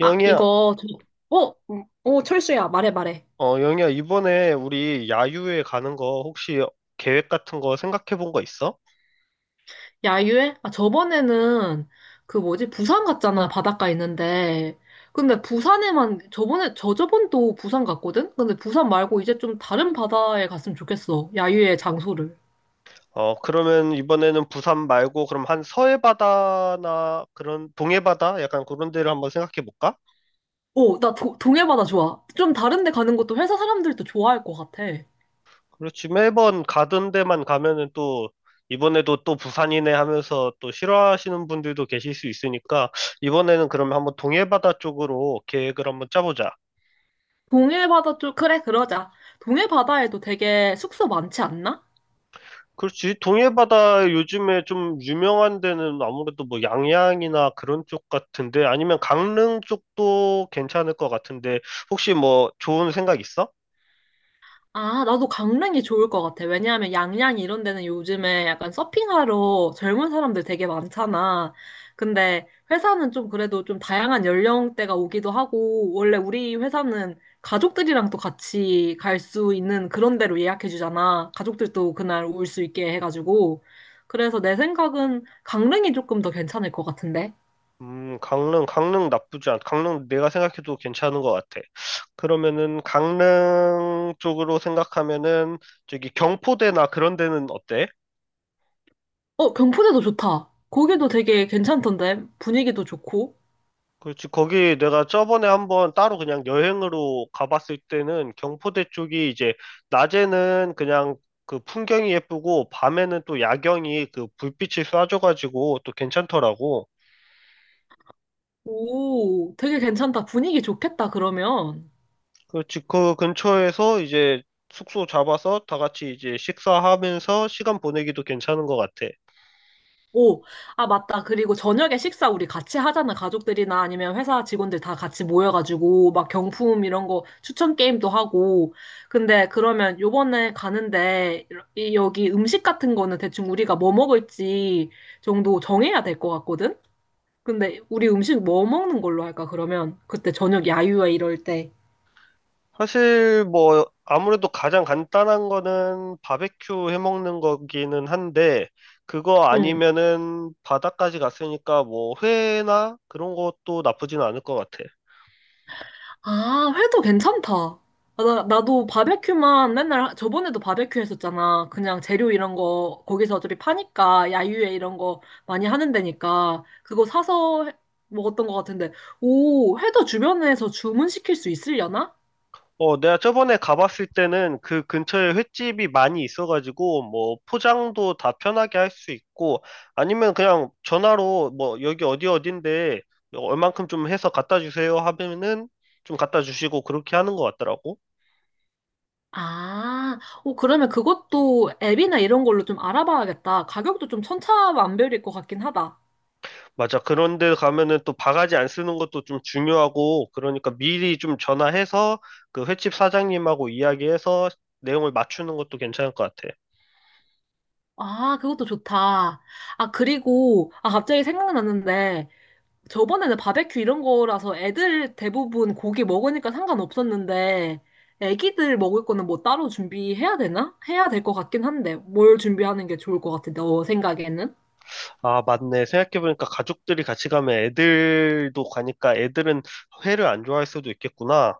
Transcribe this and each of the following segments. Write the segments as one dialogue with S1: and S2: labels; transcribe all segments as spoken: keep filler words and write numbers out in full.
S1: 아,
S2: 영희야,
S1: 이거, 저, 어? 음, 어, 철수야, 말해, 말해.
S2: 어, 영희야, 이번에 우리 야유회 가는 거 혹시 계획 같은 거 생각해 본 거 있어?
S1: 야유회? 아, 저번에는 그 뭐지, 부산 갔잖아, 바닷가 있는데. 근데 부산에만, 저번에, 저저번도 부산 갔거든? 근데 부산 말고 이제 좀 다른 바다에 갔으면 좋겠어, 야유회 장소를.
S2: 어, 그러면 이번에는 부산 말고 그럼 한 서해 바다나 그런 동해 바다 약간 그런 데를 한번 생각해 볼까?
S1: 어, 나 도, 동해바다 좋아. 좀 다른 데 가는 것도 회사 사람들도 좋아할 것 같아.
S2: 그렇지, 매번 가던 데만 가면은 또 이번에도 또 부산이네 하면서 또 싫어하시는 분들도 계실 수 있으니까 이번에는 그러면 한번 동해 바다 쪽으로 계획을 한번 짜보자.
S1: 동해바다 쪽, 그래, 그러자. 동해바다에도 되게 숙소 많지 않나?
S2: 그렇지. 동해바다 요즘에 좀 유명한 데는 아무래도 뭐 양양이나 그런 쪽 같은데 아니면 강릉 쪽도 괜찮을 것 같은데 혹시 뭐 좋은 생각 있어?
S1: 아, 나도 강릉이 좋을 것 같아. 왜냐하면 양양 이런 데는 요즘에 약간 서핑하러 젊은 사람들 되게 많잖아. 근데 회사는 좀 그래도 좀 다양한 연령대가 오기도 하고, 원래 우리 회사는 가족들이랑 또 같이 갈 수 있는 그런 데로 예약해 주잖아. 가족들도 그날 올 수 있게 해가지고. 그래서 내 생각은 강릉이 조금 더 괜찮을 것 같은데.
S2: 음, 강릉, 강릉 나쁘지 않, 강릉 내가 생각해도 괜찮은 것 같아. 그러면은 강릉 쪽으로 생각하면은 저기 경포대나 그런 데는 어때?
S1: 어, 경포대도 좋다. 거기도 되게 괜찮던데. 분위기도 좋고.
S2: 그렇지. 거기 내가 저번에 한번 따로 그냥 여행으로 가봤을 때는 경포대 쪽이 이제 낮에는 그냥 그 풍경이 예쁘고 밤에는 또 야경이 그 불빛이 쏴줘가지고 또 괜찮더라고.
S1: 오, 되게 괜찮다. 분위기 좋겠다, 그러면.
S2: 그렇지. 그 근처에서 이제 숙소 잡아서 다 같이 이제 식사하면서 시간 보내기도 괜찮은 것 같아.
S1: 오, 아, 맞다. 그리고 저녁에 식사 우리 같이 하잖아. 가족들이나 아니면 회사 직원들 다 같이 모여가지고, 막 경품 이런 거 추천 게임도 하고. 근데 그러면 요번에 가는데, 이- 여기 음식 같은 거는 대충 우리가 뭐 먹을지 정도 정해야 될 것 같거든? 근데 우리 음식 뭐 먹는 걸로 할까, 그러면? 그때 저녁 야유회 이럴 때.
S2: 사실 뭐 아무래도 가장 간단한 거는 바베큐 해 먹는 거기는 한데 그거
S1: 응.
S2: 아니면은 바다까지 갔으니까 뭐 회나 그런 것도 나쁘진 않을 것 같아.
S1: 아, 회도 괜찮다. 아, 나, 나도 바베큐만 맨날 하- 저번에도 바베큐 했었잖아. 그냥 재료 이런 거 거기서 어차피 파니까 야유회 이런 거 많이 하는 데니까 그거 사서 해- 먹었던 것 같은데. 오, 회도 주변에서 주문시킬 수 있으려나?
S2: 어, 내가 저번에 가봤을 때는 그 근처에 횟집이 많이 있어가지고 뭐 포장도 다 편하게 할 수 있고 아니면 그냥 전화로 뭐 여기 어디 어딘데 얼만큼 좀 해서 갖다 주세요 하면은 좀 갖다 주시고 그렇게 하는 것 같더라고.
S1: 아, 오, 그러면 그것도 앱이나 이런 걸로 좀 알아봐야겠다. 가격도 좀 천차만별일 것 같긴 하다.
S2: 맞아. 그런데 가면은 또 바가지 안 쓰는 것도 좀 중요하고, 그러니까 미리 좀 전화해서 그 횟집 사장님하고 이야기해서 내용을 맞추는 것도 괜찮을 것 같아.
S1: 아, 그것도 좋다. 아, 그리고, 아, 갑자기 생각났는데, 저번에는 바베큐 이런 거라서 애들 대부분 고기 먹으니까 상관없었는데, 애기들 먹을 거는 뭐 따로 준비해야 되나? 해야 될 것 같긴 한데, 뭘 준비하는 게 좋을 것 같아, 너 생각에는?
S2: 아, 맞네. 생각해보니까 가족들이 같이 가면 애들도 가니까 애들은 회를 안 좋아할 수도 있겠구나.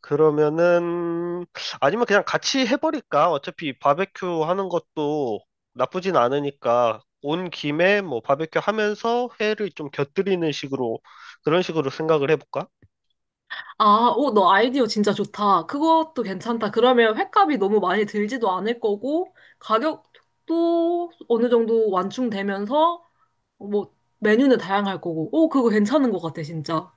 S2: 그러면은, 아니면 그냥 같이 해버릴까? 어차피 바베큐 하는 것도 나쁘진 않으니까. 온 김에 뭐 바베큐 하면서 회를 좀 곁들이는 식으로, 그런 식으로 생각을 해볼까?
S1: 아, 오, 너 아이디어 진짜 좋다. 그것도 괜찮다. 그러면 횟값이 너무 많이 들지도 않을 거고, 가격도 어느 정도 완충되면서, 뭐, 메뉴는 다양할 거고, 오, 그거 괜찮은 것 같아, 진짜.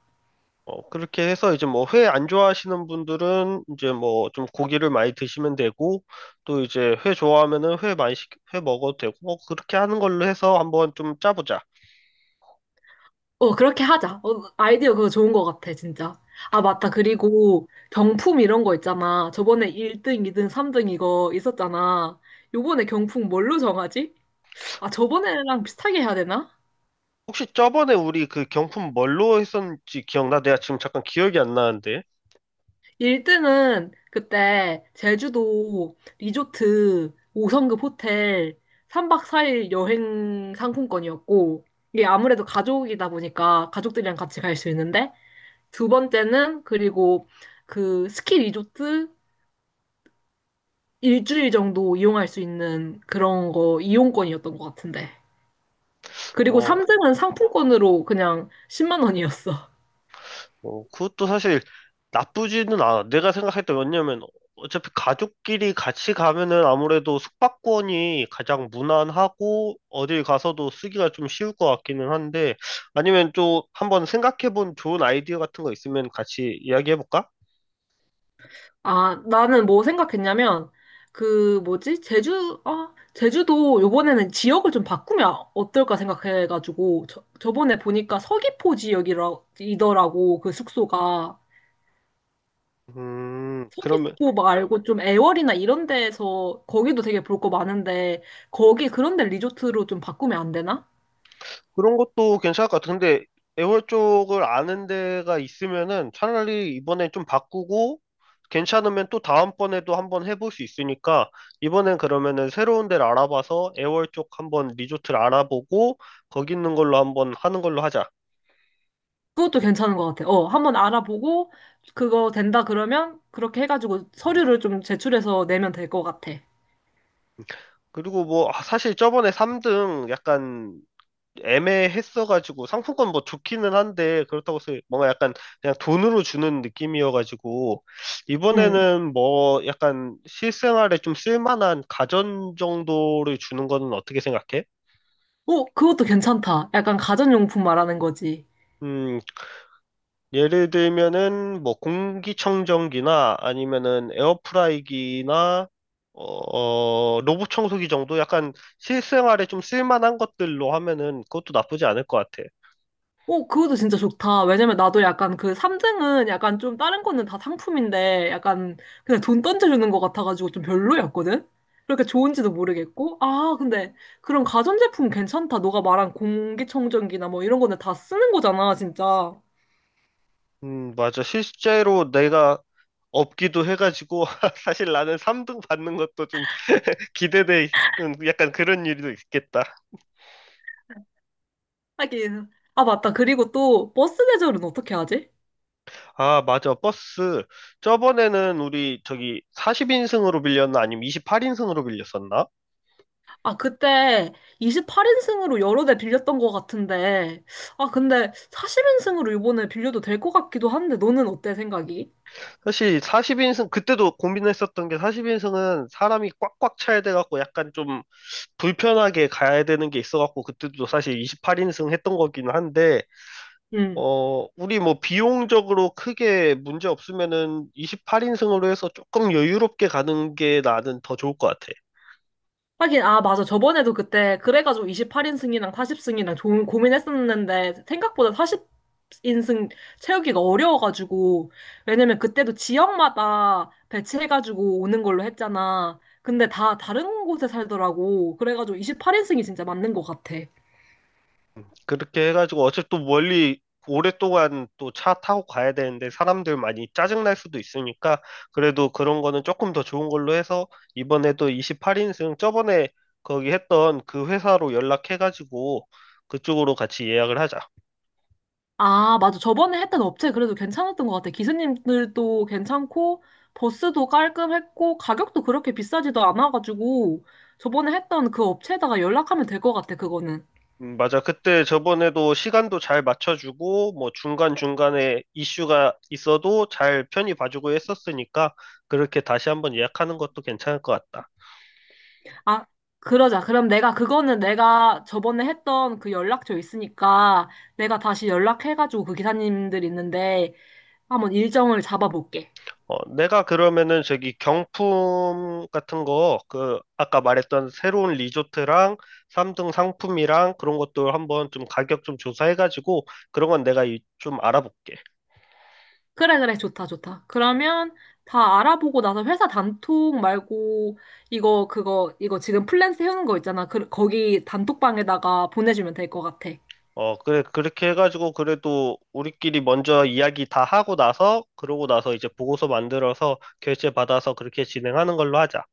S2: 어, 그렇게 해서 이제 뭐 회 안 좋아하시는 분들은 이제 뭐 좀 고기를 많이 드시면 되고 또 이제 회 좋아하면은 회 많이 시, 회 먹어도 되고 뭐 그렇게 하는 걸로 해서 한번 좀 짜보자.
S1: 어, 그렇게 하자. 어, 아이디어 그거 좋은 것 같아, 진짜. 아, 맞다. 그리고 경품 이런 거 있잖아. 저번에 일 등, 이 등, 삼 등 이거 있었잖아. 요번에 경품 뭘로 정하지? 아, 저번에랑 비슷하게 해야 되나?
S2: 혹시 저번에 우리 그 경품 뭘로 했었는지 기억나? 내가 지금 잠깐 기억이 안 나는데.
S1: 일 등은 그때 제주도 리조트 오 성급 호텔 삼 박 사 일 여행 상품권이었고, 이게 아무래도 가족이다 보니까 가족들이랑 같이 갈 수 있는데, 두 번째는 그리고 그 스키 리조트 일주일 정도 이용할 수 있는 그런 거 이용권이었던 것 같은데. 그리고
S2: 어,
S1: 삼 등은 상품권으로 그냥 십만 원이었어.
S2: 어, 그것도 사실 나쁘지는 않아. 내가 생각했던 게 왜냐면 어차피 가족끼리 같이 가면은 아무래도 숙박권이 가장 무난하고 어딜 가서도 쓰기가 좀 쉬울 것 같기는 한데 아니면 또 한번 생각해본 좋은 아이디어 같은 거 있으면 같이 이야기해볼까?
S1: 아, 나는 뭐 생각했냐면, 그 뭐지? 제주, 아, 제주도 요번에는 지역을 좀 바꾸면 어떨까 생각해가지고, 저, 저번에 보니까 서귀포 지역이더라고, 그 숙소가.
S2: 음, 그러면
S1: 서귀포 말고 좀 애월이나 이런 데에서 거기도 되게 볼 거 많은데, 거기 그런 데 리조트로 좀 바꾸면 안 되나?
S2: 그런 것도 괜찮을 것 같아. 근데 애월 쪽을 아는 데가 있으면은 차라리 이번엔 좀 바꾸고 괜찮으면 또 다음번에도 한번 해볼 수 있으니까 이번엔 그러면은 새로운 데를 알아봐서 애월 쪽 한번 리조트를 알아보고 거기 있는 걸로 한번 하는 걸로 하자.
S1: 그것도 괜찮은 것 같아. 어, 한번 알아보고 그거 된다 그러면 그렇게 해가지고 서류를 좀 제출해서 내면 될 것 같아.
S2: 그리고 뭐 아, 사실 저번에 삼 등 약간 애매했어가지고 상품권 뭐 좋기는 한데 그렇다고 해서 뭔가 약간 그냥 돈으로 주는 느낌이어가지고
S1: 응.
S2: 이번에는 뭐 약간 실생활에 좀 쓸만한 가전 정도를 주는 거는 어떻게 생각해?
S1: 어, 그것도 괜찮다. 약간 가전용품 말하는 거지.
S2: 음, 예를 들면은 뭐 공기청정기나 아니면은 에어프라이기나 어, 어, 로봇 청소기 정도 약간 실생활에 좀 쓸만한 것들로 하면은 그것도 나쁘지 않을 것 같아.
S1: 어, 그것도 진짜 좋다. 왜냐면 나도 약간 그 삼 등은 약간 좀 다른 거는 다 상품인데 약간 그냥 돈 던져주는 것 같아가지고 좀 별로였거든? 그렇게 좋은지도 모르겠고. 아, 근데 그런 가전제품 괜찮다. 너가 말한 공기청정기나 뭐 이런 거는 다 쓰는 거잖아, 진짜.
S2: 음, 맞아. 실제로 내가 없기도 해가지고 사실 나는 삼 등 받는 것도 좀 기대돼 있는 약간 그런 일도 있겠다.
S1: 하긴. 아, 맞다. 그리고 또 버스 대절은 어떻게 하지?
S2: 아, 맞아. 버스. 저번에는 우리 저기 사십 인승으로 빌렸나 아니면 이십팔 인승으로 빌렸었나?
S1: 아, 그때 이십팔 인승으로 여러 대 빌렸던 것 같은데. 아, 근데 사십 인승으로 이번에 빌려도 될 것 같기도 한데, 너는 어때 생각이?
S2: 사실 사십 인승 그때도 고민했었던 게 사십 인승은 사람이 꽉꽉 차야 돼 갖고 약간 좀 불편하게 가야 되는 게 있어 갖고 그때도 사실 이십팔 인승 했던 거긴 한데
S1: 응.
S2: 어, 우리 뭐 비용적으로 크게 문제 없으면은 이십팔 인승으로 해서 조금 여유롭게 가는 게 나는 더 좋을 것 같아.
S1: 하긴, 아, 맞아. 저번에도 그때, 그래가지고 이십팔 인승이랑 사십 인승이랑 좀 고민했었는데, 생각보다 사십 인승 채우기가 어려워가지고, 왜냐면 그때도 지역마다 배치해가지고 오는 걸로 했잖아. 근데 다 다른 곳에 살더라고. 그래가지고 이십팔 인승이 진짜 맞는 것 같아.
S2: 그렇게 해가지고 어차피 또 멀리 오랫동안 또 차 타고 가야 되는데 사람들 많이 짜증날 수도 있으니까 그래도 그런 거는 조금 더 좋은 걸로 해서 이번에도 이십팔 인승 저번에 거기 했던 그 회사로 연락해가지고 그쪽으로 같이 예약을 하자.
S1: 아, 맞아. 저번에 했던 업체 그래도 괜찮았던 것 같아. 기사님들도 괜찮고, 버스도 깔끔했고, 가격도 그렇게 비싸지도 않아가지고, 저번에 했던 그 업체에다가 연락하면 될 것 같아, 그거는.
S2: 음, 맞아. 그때 저번에도 시간도 잘 맞춰주고, 뭐 중간중간에 이슈가 있어도 잘 편히 봐주고 했었으니까, 그렇게 다시 한번 예약하는 것도 괜찮을 것 같다.
S1: 아, 그러자. 그럼 내가 그거는 내가 저번에 했던 그 연락처 있으니까 내가 다시 연락해가지고 그 기사님들 있는데 한번 일정을 잡아볼게.
S2: 어, 내가 그러면은 저기 경품 같은 거, 그, 아까 말했던 새로운 리조트랑 삼 등 상품이랑 그런 것도 한번 좀 가격 좀 조사해가지고, 그런 건 내가 이- 좀 알아볼게.
S1: 그래, 그래. 좋다, 좋다. 그러면 다 알아보고 나서 회사 단톡 말고 이거, 그거, 이거 지금 플랜 세우는 거 있잖아. 그, 거기 단톡방에다가 보내주면 될 것 같아.
S2: 어, 그래, 그렇게 해가지고, 그래도 우리끼리 먼저 이야기 다 하고 나서, 그러고 나서 이제 보고서 만들어서 결제 받아서 그렇게 진행하는 걸로 하자.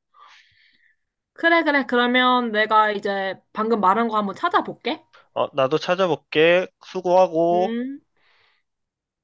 S1: 그래, 그래. 그러면 내가 이제 방금 말한 거 한번 찾아볼게.
S2: 어, 나도 찾아볼게. 수고하고.
S1: 음.